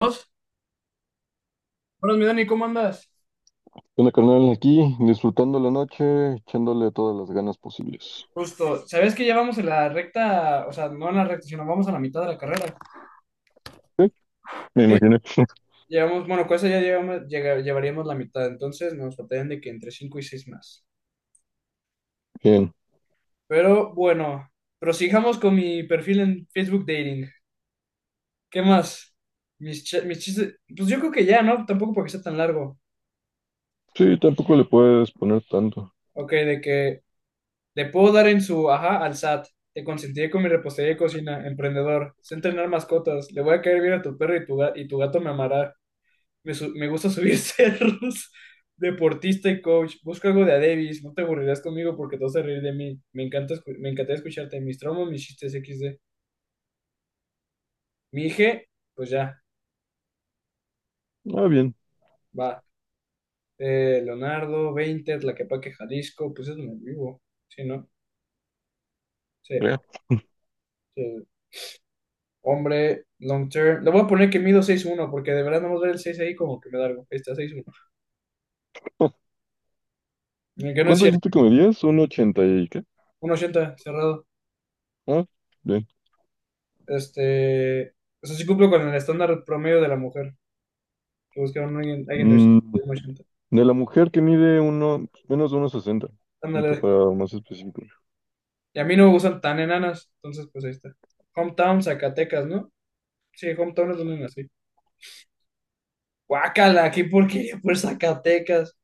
Buenos mi Dani, ¿cómo andas? ¿Qué onda, carnal? Aquí disfrutando la noche, echándole todas las ganas posibles. Justo, ¿sabes que ya vamos en la recta, o sea, no en la recta, sino vamos a la mitad de la carrera? Sí, me Eh, imaginé. Llevamos, bueno, con eso ya llevamos, llevaríamos la mitad, entonces nos faltarían de que entre 5 y 6 más. Bien. Pero bueno, prosigamos con mi perfil en Facebook Dating. ¿Qué más? Mis chistes, pues yo creo que ya, ¿no? Tampoco porque sea tan largo. Sí, tampoco le puedes poner tanto. Ok, de que le puedo dar en su ajá al SAT. Te consentiré con mi repostería de cocina, emprendedor. Sé entrenar mascotas. Le voy a caer bien a tu perro y tu gato me amará. Me gusta subir cerros. Deportista y coach. Busca algo de a Davis. No te aburrirás conmigo porque te vas a reír de mí. Me encantaría escucharte. Mis traumas, mis chistes XD. Mi hija, pues ya, Ah, bien. va. Leonardo, 20, Tlaquepaque, Jalisco. Pues es donde vivo. Sí, ¿no? Sí. Ya. Sí. Hombre, long term. Le voy a poner que mido seis uno porque de verdad no ver el 6 ahí como que me da algo. Ahí está, 6'1. Que no es ¿Cuánto cierto. dijiste que medías? ¿Un ochenta y qué? Uno ochenta cerrado. Ah, bien. Este. O sea, sí cumplo con el estándar promedio de la mujer. Que buscaron alguien de Mm, uno ochenta. de la mujer que mide uno, menos de unos sesenta, un Ándale. poco más específico. Y a mí no me gustan tan enanas. Entonces, pues ahí está. Hometown, Zacatecas, ¿no? Sí, hometown es donde nací. Guácala, qué porquería por Zacatecas.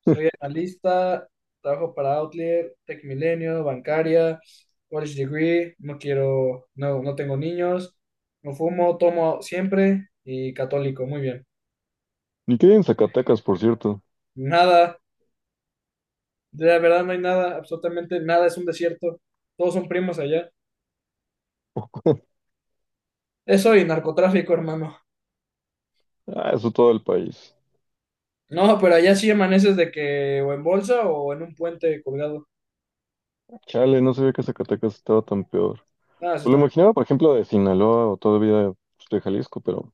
Soy analista, trabajo para Outlier, Tech Milenio, bancaria, college degree, no quiero, no, no tengo niños, no fumo, tomo siempre y católico, muy bien. Ni que hay en Zacatecas, por cierto. Nada, de la verdad no hay nada, absolutamente nada, es un desierto, todos son primos allá. Eso y narcotráfico, hermano. Ah, eso todo el país. No, pero allá sí amaneces de que o en bolsa o en un puente colgado. Chale, no sabía que Zacatecas estaba tan peor. Ah, sí, Pues lo también. imaginaba, por ejemplo, de Sinaloa o todavía pues, de Jalisco, pero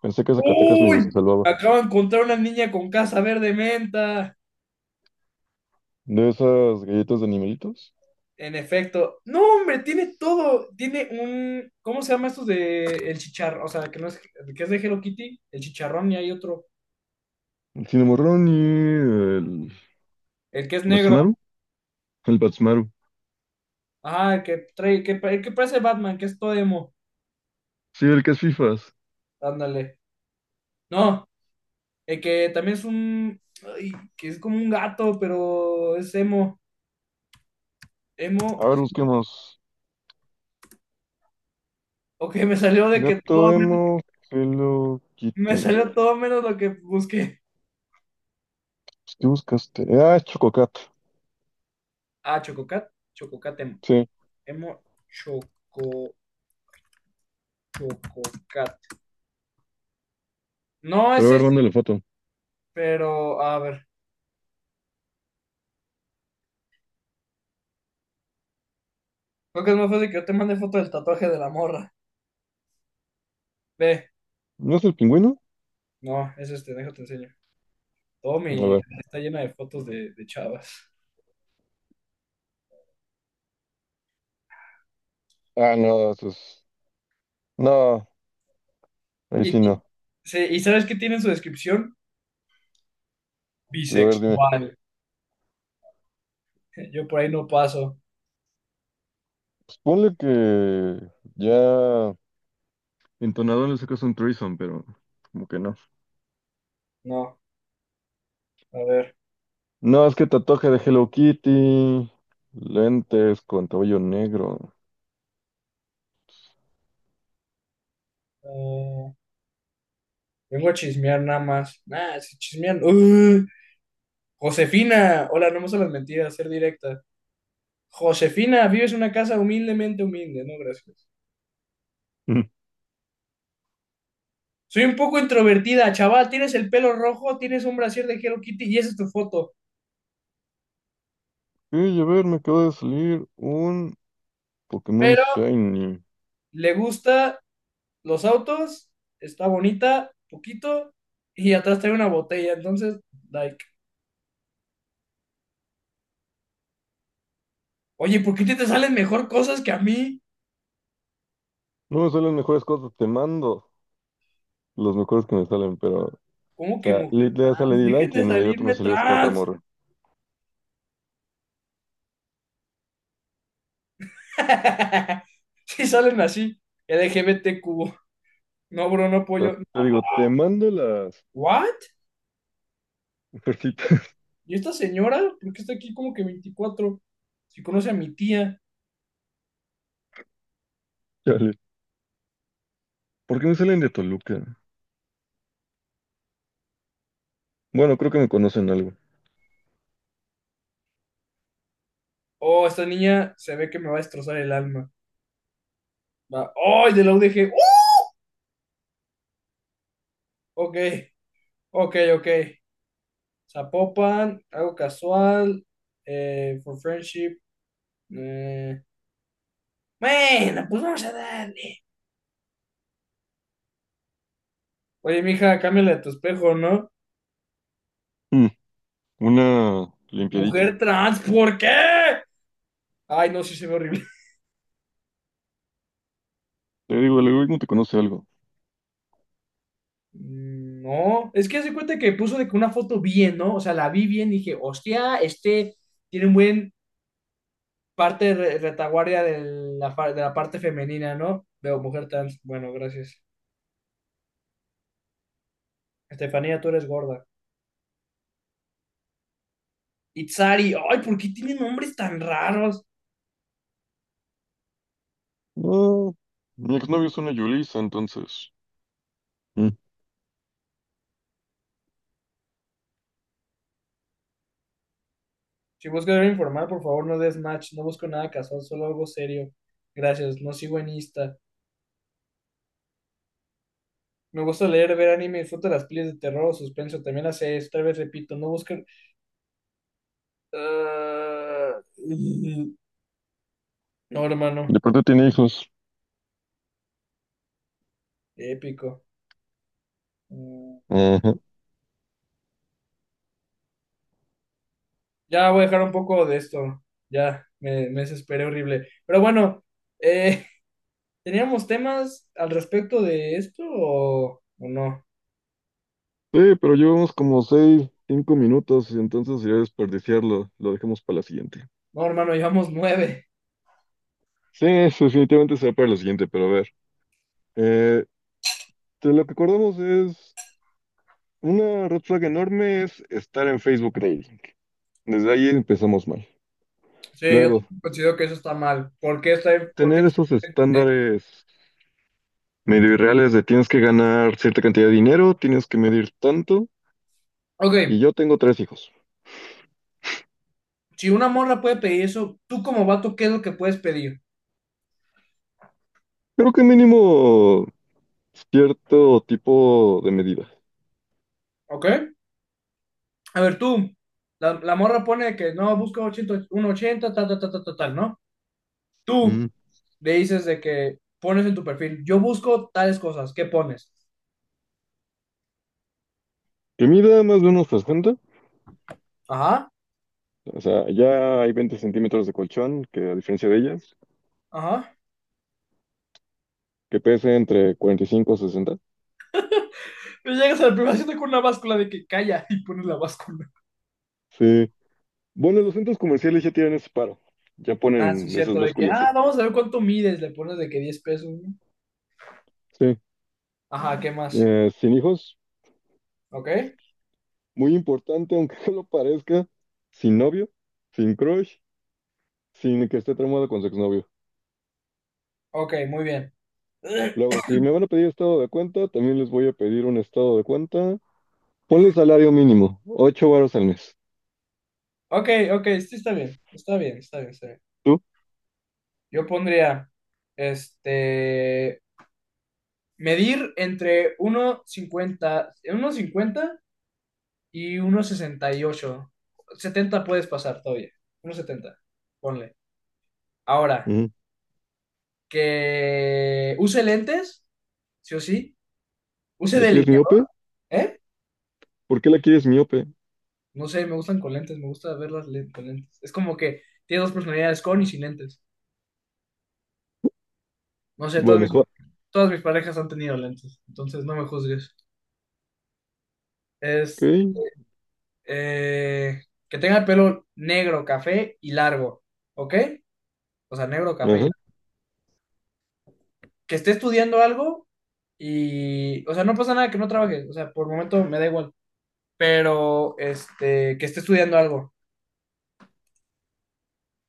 pensé que Zacatecas medio se ¡Uy! salvaba. Acabo de encontrar una niña con casa verde menta. De esas galletas de animalitos. En efecto. No, hombre, tiene todo. Tiene un. ¿Cómo se llama estos de el chicharrón? O sea, que no es, el que es de Hello Kitty, el chicharrón y hay otro. El cinemorrón y el El que es negro. Batsmaru. El Batsmaru. El que trae, el que parece Batman, que es todo emo. Sí, el que es fifas. Ándale. No, el que también es un. Ay, que es como un gato, pero es emo. Emo. A ver, busquemos. Ok, me salió de que Gato todo menos- Emo, Hello me Kitty. Pues, salió todo menos lo que busqué. ¿qué buscaste? Ah, es Chococat. Ah, Chococat. Chococat emo. Sí. Emo Choco. Chococat. No, Pero a ese. ver, mándale foto. Pero, a ver, creo que es más fácil que yo te mande foto del tatuaje de la morra. Ve, ¿No es el pingüino? no, es este, déjate enseño. Todo A mi ver. galería está llena de fotos de chavas. Ah, no, eso es... No, ahí Y, sí ti- no. sí, ¿y sabes qué tiene en su descripción? A ver, dime. Bisexual. Yo por ahí no paso. Pues ponle que ya... Entonado le sacas un threesome, pero como que no. No, a ver. No, es que tatuaje de Hello Kitty, lentes con cabello negro. eh, Vengo a chismear nada más. Nah, si chismean. ¡Uh! Josefina, hola, no me gustan las mentiras, ser directa. Josefina, vives en una casa humildemente humilde, no, gracias. Soy un poco introvertida, chaval. Tienes el pelo rojo, tienes un brasier de Hello Kitty y esa es tu foto. Y a ver, me acaba de salir un Pokémon Pero Shiny. le gusta los autos, está bonita, poquito, y atrás trae una botella. Entonces, like, oye, ¿por qué a ti te salen mejor cosas que a mí? No me salen mejores cosas, te mando los mejores que me salen, pero, o ¿Cómo que sea, mujer literal sale trans? Dejen D-Like y de en inmediato me salirme salió esta otra trans. morra. Sí salen así. LGBTQ. No, bro, no O sea, apoyo. te digo, te mando las ¿What? ofertitas, ¿Y esta señora? ¿Por qué está aquí como que 24? Si conoce a mi tía. chale. ¿Por qué me salen de Toluca? Bueno, creo que me conocen algo. Oh, esta niña se ve que me va a destrozar el alma. Va. Oh, de la UDG. ¡Uh! Ok, ok, ok. Zapopan, algo casual. For friendship. eh, Bueno, pues vamos a darle. Oye, mija, cámbiale de tu espejo, ¿no? Mm, una limpiadita. Mujer trans, ¿por qué? Ay, no, sí se ve horrible. Te digo, el algoritmo te conoce algo. Mm. No, es que hace cuenta que puso de que una foto bien, ¿no? O sea, la vi bien y dije, hostia, este tiene un buen parte retaguardia de la parte femenina, ¿no? Veo mujer trans. Bueno, gracias. Estefanía, tú eres gorda. Itzari, ay, ¿por qué tienen nombres tan raros? No, mi exnovio es una Yulisa, entonces. Mm. Si buscas algo informal, por favor, no des match. No busco nada casual, solo algo serio. Gracias, no sigo en Insta. Me gusta leer, ver anime, disfruto las pelis de terror o suspenso. También las series, otra vez repito, no busquen. Ah, no, hermano, De pronto tiene hijos. épico. Mm. Ajá. Ya voy a dejar un poco de esto. Ya, me desesperé horrible. Pero bueno, eh, ¿teníamos temas al respecto de esto o no? Sí, pero llevamos como seis, cinco minutos, y entonces sería desperdiciarlo. Lo dejamos para la siguiente. No, hermano, llevamos nueve. Sí, eso definitivamente será para la siguiente, pero a ver. Eh, de lo que acordamos es una red flag enorme es estar en Facebook Dating. Desde ahí empezamos mal. Sí, yo Luego, considero que eso está mal. Por qué tener esos está- de-? estándares medio irreales de tienes que ganar cierta cantidad de dinero, tienes que medir tanto, y Ok, yo tengo tres hijos. si una morra puede pedir eso, tú como vato, ¿qué es lo que puedes pedir? Creo que mínimo cierto tipo de medida. ¿Ok? A ver, tú, la morra pone que no, busca 80, 180, tal, tal, tal, tal, tal, tal, ¿no? Tú Mm. le dices de que pones en tu perfil, yo busco tales cosas, ¿qué pones? Que mida más de unos 60. Ajá, O sea, ya hay 20 centímetros de colchón, que a diferencia de ellas, ajá. que pese entre 45 y 60. Pero llegas a la primera cita con una báscula de que calla y pones la báscula. Sí. Bueno, los centros comerciales ya tienen ese paro. Ya Ah, sí, es ponen esas cierto, de que, básculas, sí. Vamos a ver cuánto mides, le pones de que 10 pesos, ¿no? Sí. Ajá, ¿qué más? Sin hijos, ¿Ok? muy importante, aunque no lo parezca, sin novio, sin crush, sin que esté tramado con su exnovio. Ok, muy bien. Luego, si me van a pedir estado de cuenta, también les voy a pedir un estado de cuenta. Ponle salario mínimo, 8 varos al mes. Ok, ok, sí, está bien, está bien, está bien, está bien. ¿Tú? Yo pondría, este, medir entre uno cincuenta y uno sesenta y ocho setenta puedes pasar todavía, uno 70 ponle. Ahora, Ujú. que use lentes sí o sí. Use ¿Ya quieres miope? delineador, ¿eh? ¿Por qué la quieres miope? No sé, me gustan con lentes, me gusta verlas con lentes. Es como que tiene dos personalidades, con y sin lentes. No sé, todas Bueno, mis, va, todas mis parejas han tenido lentes, entonces no me juzgues. Es ok. eh, que tenga el pelo negro, café y largo, ¿ok? O sea, negro, café y Ajá. largo. Que esté estudiando algo y, o sea, no pasa nada que no trabaje, o sea, por el momento me da igual, pero que esté estudiando algo,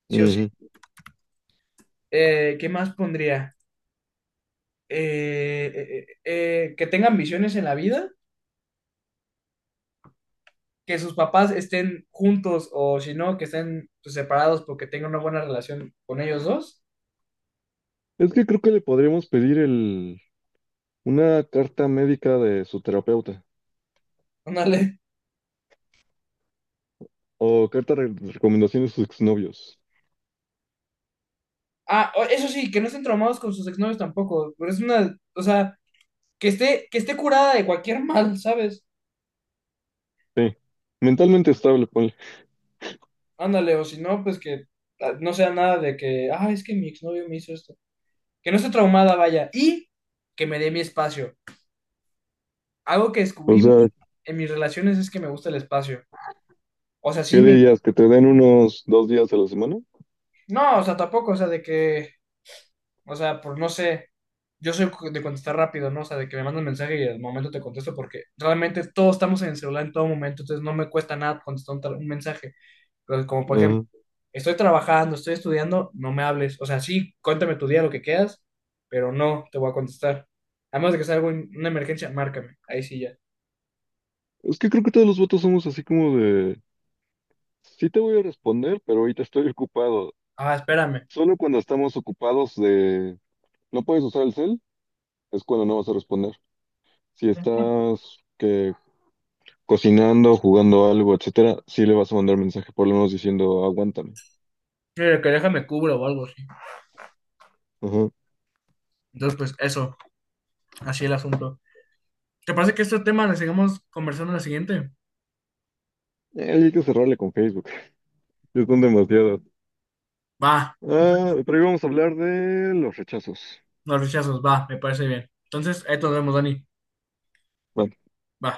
sí o sí. Ujú. ¿Qué más pondría? Que tengan visiones en la vida, que sus papás estén juntos o si no, que estén pues, separados porque tengan una buena relación con ellos dos. Es que creo que le podríamos pedir una carta médica de su terapeuta Ándale. o carta de recomendaciones de sus exnovios. Eso sí, que no estén traumados con sus exnovios tampoco, pero es una, o sea, que esté curada de cualquier mal, ¿sabes? Sí. Mentalmente estable, ponle. Ándale, o si no, pues que no sea nada de que, es que mi exnovio me hizo esto. Que no esté traumada, vaya, y que me dé mi espacio. Algo que O descubrí sea, mucho en mis relaciones es que me gusta el espacio. O sea, ¿qué sí, me dirías? ¿Que te den unos dos días a la semana? no, o sea, tampoco, o sea, de que, o sea, pues no sé, yo soy de contestar rápido, ¿no? O sea, de que me mandan mensaje y al momento te contesto porque realmente todos estamos en el celular en todo momento, entonces no me cuesta nada contestar un mensaje. Pero como por ejemplo, Ajá. estoy trabajando, estoy estudiando, no me hables. O sea, sí, cuéntame tu día, lo que quieras, pero no te voy a contestar. A menos de que sea algo, una emergencia, márcame, ahí sí ya. Es que creo que todos los votos somos así como de, sí te voy a responder, pero ahorita estoy ocupado. Ah, espérame. Solo cuando estamos ocupados de, no puedes usar el cel, es cuando no vas a responder. Si estás que cocinando, jugando algo, etcétera, sí le vas a mandar mensaje por lo menos diciendo, aguántame. Mira, que déjame cubro o algo así. Ajá. Entonces, pues eso, así el asunto. ¿Te parece que este tema le sigamos conversando en la siguiente? Hay que cerrarle con Facebook. Ya son demasiadas. Va, Ah, pero hoy vamos a hablar de los rechazos. los rechazos, va, me parece bien. Entonces, ahí nos vemos, Dani. Va. Va.